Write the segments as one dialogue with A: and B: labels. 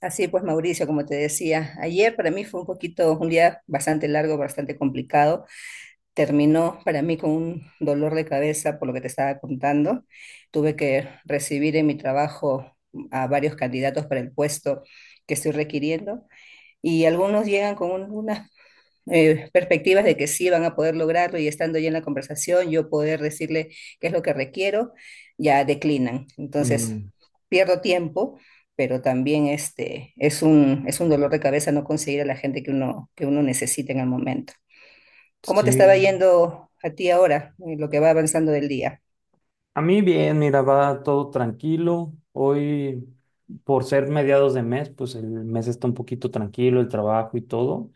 A: Así pues, Mauricio, como te decía, ayer para mí fue un poquito, un día bastante largo, bastante complicado. Terminó para mí con un dolor de cabeza por lo que te estaba contando. Tuve que recibir en mi trabajo a varios candidatos para el puesto que estoy requiriendo y algunos llegan con unas perspectivas de que sí van a poder lograrlo y estando ya en la conversación, yo poder decirle qué es lo que requiero, ya declinan. Entonces,
B: Mm,
A: pierdo tiempo, pero también este, es un dolor de cabeza no conseguir a la gente que uno necesita en el momento. ¿Cómo te estaba
B: sí,
A: yendo a ti ahora, en lo que va avanzando del día?
B: a mí bien, mira, va todo tranquilo. Hoy, por ser mediados de mes, pues el mes está un poquito tranquilo, el trabajo y todo.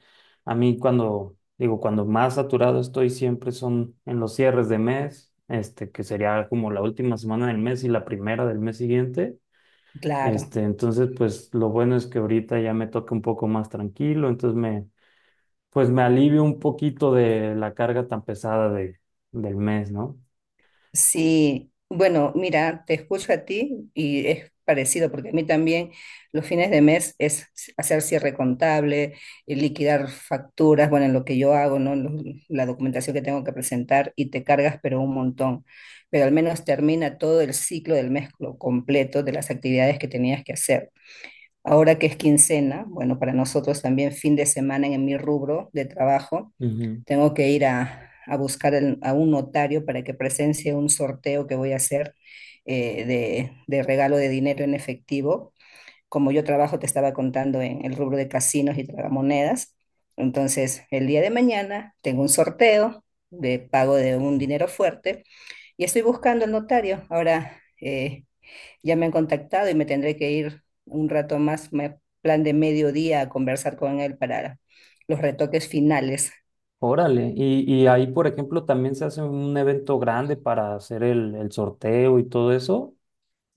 B: A mí cuando, digo, cuando más saturado estoy siempre son en los cierres de mes, que sería como la última semana del mes y la primera del mes siguiente.
A: Claro.
B: Entonces, pues lo bueno es que ahorita ya me toca un poco más tranquilo, entonces pues me alivio un poquito de la carga tan pesada del mes, ¿no?
A: Sí, bueno, mira, te escucho a ti y es parecido, porque a mí también los fines de mes es hacer cierre contable, liquidar facturas, bueno, en lo que yo hago, ¿no? La documentación que tengo que presentar y te cargas, pero un montón. Pero al menos termina todo el ciclo del mes lo completo de las actividades que tenías que hacer. Ahora que es quincena, bueno, para nosotros también fin de semana en mi rubro de trabajo. Tengo que ir a buscar a un notario para que presencie un sorteo que voy a hacer de regalo de dinero en efectivo. Como yo trabajo, te estaba contando en el rubro de casinos y tragamonedas. Entonces, el día de mañana tengo un sorteo de pago de un dinero fuerte y estoy buscando el notario. Ahora ya me han contactado y me tendré que ir un rato más, plan de mediodía, a conversar con él para los retoques finales.
B: Órale, y ahí, por ejemplo, también se hace un evento grande para hacer el sorteo y todo eso.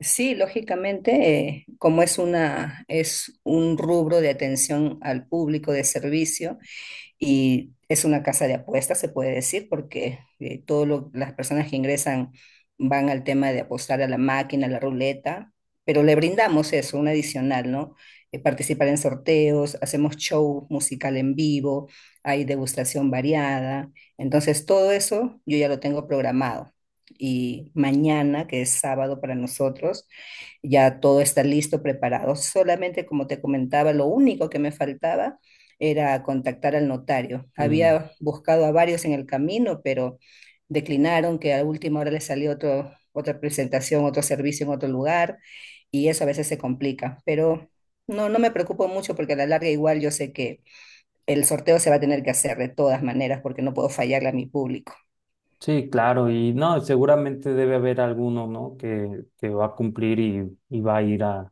A: Sí, lógicamente, como es una, es un rubro de atención al público de servicio, y es una casa de apuestas, se puede decir, porque todo lo las personas que ingresan van al tema de apostar a la máquina, a la ruleta, pero le brindamos eso, un adicional, ¿no? Participar en sorteos, hacemos show musical en vivo, hay degustación variada. Entonces, todo eso yo ya lo tengo programado. Y mañana, que es sábado para nosotros, ya todo está listo, preparado. Solamente, como te comentaba, lo único que me faltaba era contactar al notario.
B: Mm,
A: Había buscado a varios en el camino, pero declinaron que a última hora les salió otro, otra presentación, otro servicio en otro lugar, y eso a veces se complica. Pero no, no me preocupo mucho porque a la larga igual yo sé que el sorteo se va a tener que hacer de todas maneras porque no puedo fallarle a mi público.
B: sí, claro, y no, seguramente debe haber alguno, ¿no? Que va a cumplir y va a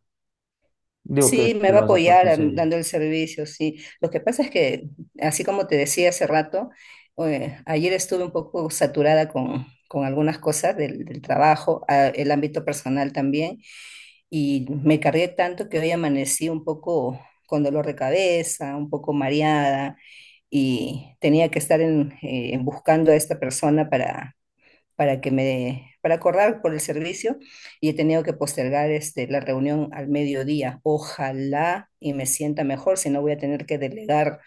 B: digo, que,
A: Sí,
B: que
A: me va
B: lo
A: a
B: vas a poder
A: apoyar
B: conseguir.
A: dando el servicio, sí. Lo que pasa es que, así como te decía hace rato, ayer estuve un poco saturada con algunas cosas del, del trabajo, el ámbito personal también, y me cargué tanto que hoy amanecí un poco con dolor de cabeza, un poco mareada, y tenía que estar en, buscando a esta persona para que me, para acordar por el servicio y he tenido que postergar este, la reunión al mediodía. Ojalá y me sienta mejor, si no voy a tener que delegar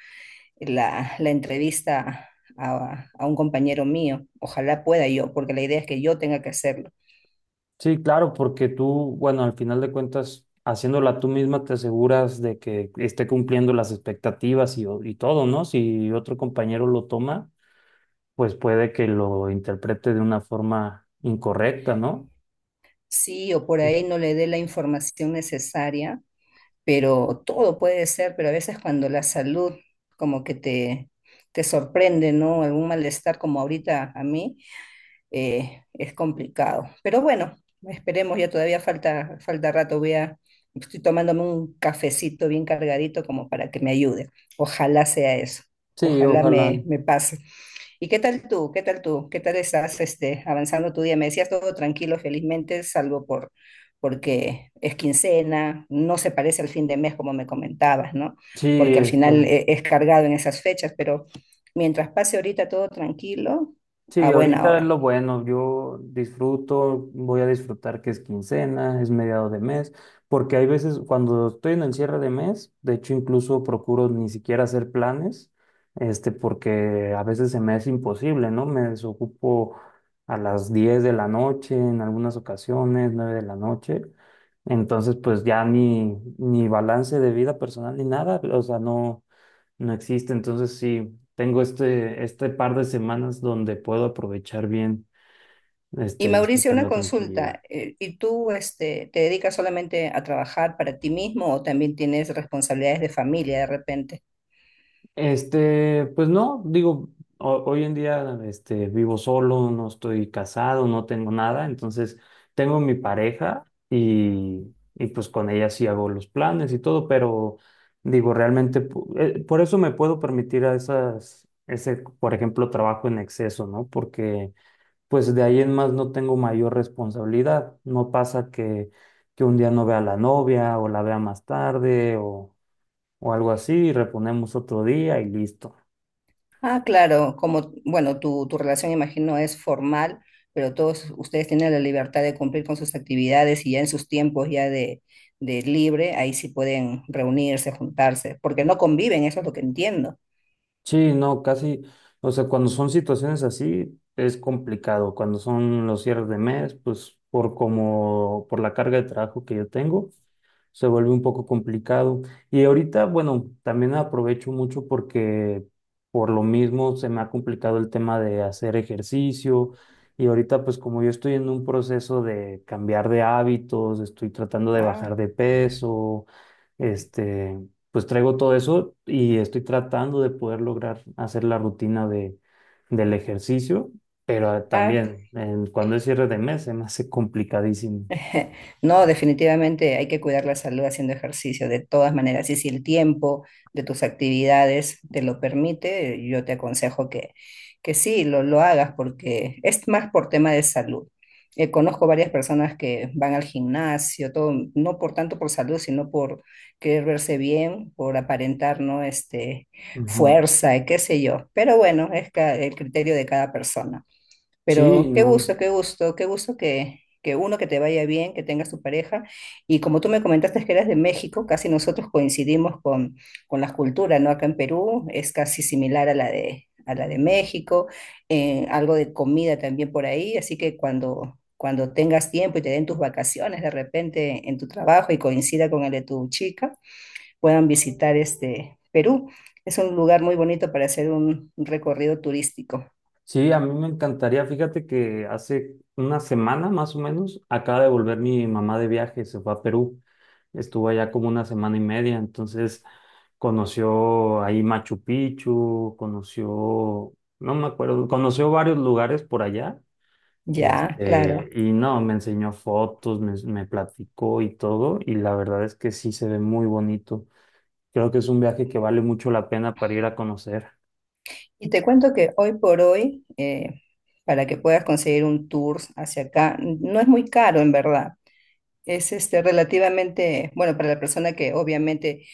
A: la, la entrevista a un compañero mío. Ojalá pueda yo, porque la idea es que yo tenga que hacerlo.
B: Sí, claro, porque tú, bueno, al final de cuentas, haciéndola tú misma te aseguras de que esté cumpliendo las expectativas y todo, ¿no? Si otro compañero lo toma, pues puede que lo interprete de una forma incorrecta, ¿no?
A: Sí, o por ahí no le dé la información necesaria, pero todo puede ser, pero a veces cuando la salud como que te sorprende, ¿no? Algún malestar como ahorita a mí, es complicado. Pero bueno, esperemos, ya todavía falta, falta rato, voy a, estoy tomándome un cafecito bien cargadito como para que me ayude. Ojalá sea eso,
B: Sí,
A: ojalá
B: ojalá.
A: me, me pase. ¿Y qué tal tú? ¿Qué tal tú? ¿Qué tal estás este, avanzando tu día? Me decías todo tranquilo, felizmente, salvo por... porque es quincena, no se parece al fin de mes como me comentabas, ¿no?
B: Sí,
A: Porque al final
B: está.
A: es cargado en esas fechas, pero mientras pase ahorita todo tranquilo, a
B: Sí,
A: buena
B: ahorita es
A: hora.
B: lo bueno. Yo disfruto, voy a disfrutar que es quincena, es mediado de mes, porque hay veces cuando estoy en el cierre de mes, de hecho incluso procuro ni siquiera hacer planes, porque a veces se me es imposible, ¿no? Me desocupo a las 10 de la noche, en algunas ocasiones, 9 de la noche. Entonces, pues ya ni balance de vida personal ni nada, o sea, no existe. Entonces sí, tengo este par de semanas donde puedo aprovechar bien,
A: Y Mauricio,
B: disfrutar
A: una
B: la tranquilidad.
A: consulta. ¿Y tú este, te dedicas solamente a trabajar para ti mismo o también tienes responsabilidades de familia de repente?
B: Pues no, digo, hoy en día, vivo solo, no estoy casado, no tengo nada, entonces tengo mi pareja y pues con ella sí hago los planes y todo, pero digo, realmente, por eso me puedo permitir a ese, por ejemplo, trabajo en exceso, ¿no? Porque pues de ahí en más no tengo mayor responsabilidad. No pasa que un día no vea a la novia o la vea más tarde o algo así, y reponemos otro día y listo.
A: Ah, claro, como, bueno, tu relación imagino es formal, pero todos ustedes tienen la libertad de cumplir con sus actividades y ya en sus tiempos ya de libre, ahí sí pueden reunirse, juntarse, porque no conviven, eso es lo que entiendo.
B: Sí, no, casi, o sea, cuando son situaciones así es complicado. Cuando son los cierres de mes, pues por la carga de trabajo que yo tengo. Se vuelve un poco complicado. Y ahorita, bueno, también aprovecho mucho porque por lo mismo se me ha complicado el tema de hacer ejercicio. Y ahorita, pues como yo estoy en un proceso de cambiar de hábitos, estoy tratando de
A: Ah,
B: bajar de peso, este, pues traigo todo eso y estoy tratando de poder lograr hacer la rutina del ejercicio, pero
A: ah,
B: también cuando es cierre de mes se me hace complicadísimo.
A: No, definitivamente hay que cuidar la salud haciendo ejercicio de todas maneras. Y si el tiempo de tus actividades te lo permite, yo te aconsejo que sí, lo hagas porque es más por tema de salud. Conozco varias personas que van al gimnasio, todo, no por tanto por salud, sino por querer verse bien, por aparentar, ¿no? Este,
B: Ujú.
A: fuerza, y qué sé yo. Pero bueno, es el criterio de cada persona.
B: Sí,
A: Pero qué
B: no.
A: gusto, qué gusto, qué gusto que uno que te vaya bien, que tengas tu pareja. Y como tú me comentaste que eras de México, casi nosotros coincidimos con las culturas, ¿no? Acá en Perú es casi similar a la de México, algo de comida también por ahí, así que cuando, cuando tengas tiempo y te den tus vacaciones de repente en tu trabajo y coincida con el de tu chica, puedan visitar este Perú. Es un lugar muy bonito para hacer un recorrido turístico.
B: Sí, a mí me encantaría. Fíjate que hace una semana más o menos acaba de volver mi mamá de viaje, se fue a Perú. Estuvo allá como una semana y media, entonces conoció ahí Machu Picchu, conoció, no me acuerdo, conoció varios lugares por allá.
A: Ya, claro.
B: Y no, me enseñó fotos, me platicó y todo, y la verdad es que sí se ve muy bonito. Creo que es un viaje que vale mucho la pena para ir a conocer.
A: Y te cuento que hoy por hoy, para que puedas conseguir un tour hacia acá, no es muy caro en verdad. Es este, relativamente, bueno, para la persona que obviamente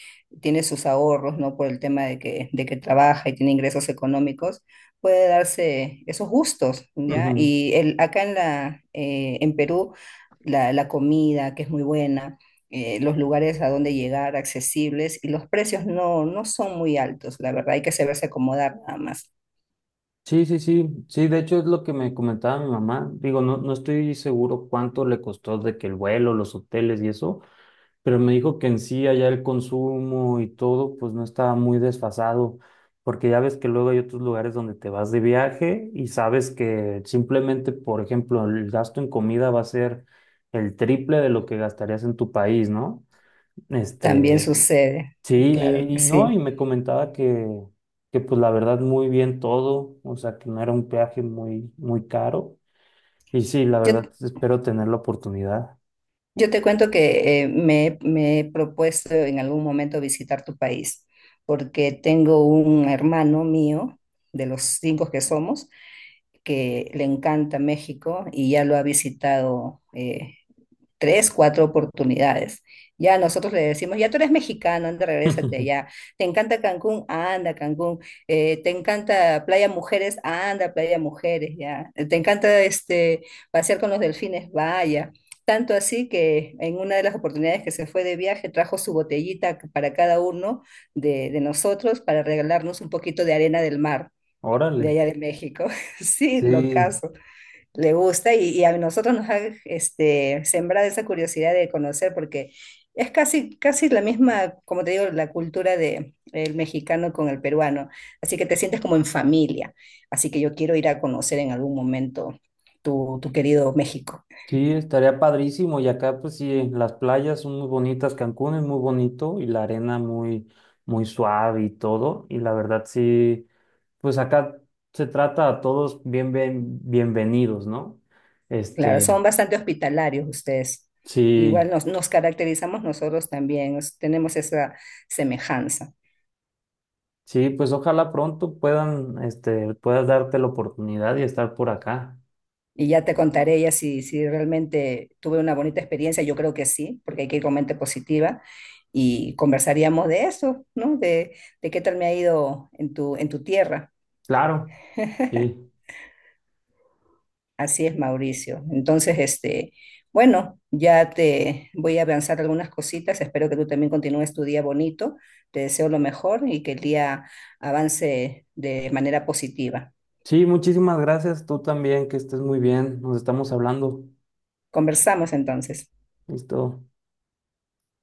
A: tiene sus ahorros, ¿no? Por el tema de que trabaja y tiene ingresos económicos, puede darse esos gustos, ¿ya?
B: Ujú.
A: Y el, acá en la, en Perú, la comida, que es muy buena, los lugares a donde llegar accesibles y los precios no, no son muy altos, la verdad, hay que saberse acomodar nada más.
B: Sí, sí, sí, sí, de hecho es lo que me comentaba mi mamá. Digo, no, no estoy seguro cuánto le costó de que el vuelo, los hoteles y eso, pero me dijo que en sí allá el consumo y todo, pues no estaba muy desfasado, porque ya ves que luego hay otros lugares donde te vas de viaje y sabes que simplemente, por ejemplo, el gasto en comida va a ser el triple de lo que gastarías en tu país, ¿no?
A: También
B: Este,
A: sucede,
B: Sí,
A: claro
B: y,
A: que
B: y no, y
A: sí.
B: me comentaba que pues la verdad muy bien todo, o sea que no era un peaje muy, muy caro. Y sí, la
A: Yo,
B: verdad espero tener la oportunidad.
A: yo te cuento que me, me he propuesto en algún momento visitar tu país, porque tengo un hermano mío, de los cinco que somos, que le encanta México y ya lo ha visitado tres, cuatro oportunidades. Ya nosotros le decimos, ya tú eres mexicano, anda, regrésate ya. ¿Te encanta Cancún? Anda, Cancún. ¿Te encanta Playa Mujeres? Anda, Playa Mujeres, ya. ¿Te encanta este, pasear con los delfines? Vaya. Tanto así que en una de las oportunidades que se fue de viaje trajo su botellita para cada uno de nosotros para regalarnos un poquito de arena del mar de
B: Órale.
A: allá de México. Sí, lo
B: Sí,
A: caso le gusta y a nosotros nos ha este, sembrado esa curiosidad de conocer porque es casi, casi la misma, como te digo, la cultura de el mexicano con el peruano, así que te sientes como en familia, así que yo quiero ir a conocer en algún momento tu, tu querido México.
B: sí, estaría padrísimo. Y acá pues sí, las playas son muy bonitas, Cancún es muy bonito y la arena muy, muy suave y todo. Y la verdad sí, pues acá se trata a todos bien, bienvenidos, ¿no?
A: Claro,
B: Este,
A: son bastante hospitalarios ustedes. Igual
B: sí.
A: nos, nos caracterizamos nosotros también, tenemos esa semejanza.
B: Sí, pues ojalá pronto puedan, puedas darte la oportunidad y estar por acá.
A: Y ya te contaré ya si, si realmente tuve una bonita experiencia, yo creo que sí, porque hay que ir con mente positiva y conversaríamos de eso, ¿no? De qué tal me ha ido en tu tierra.
B: Claro, sí.
A: Así es, Mauricio. Entonces, este, bueno, ya te voy a avanzar algunas cositas. Espero que tú también continúes tu día bonito. Te deseo lo mejor y que el día avance de manera positiva.
B: Sí, muchísimas gracias. Tú también, que estés muy bien. Nos estamos hablando.
A: Conversamos entonces.
B: Listo.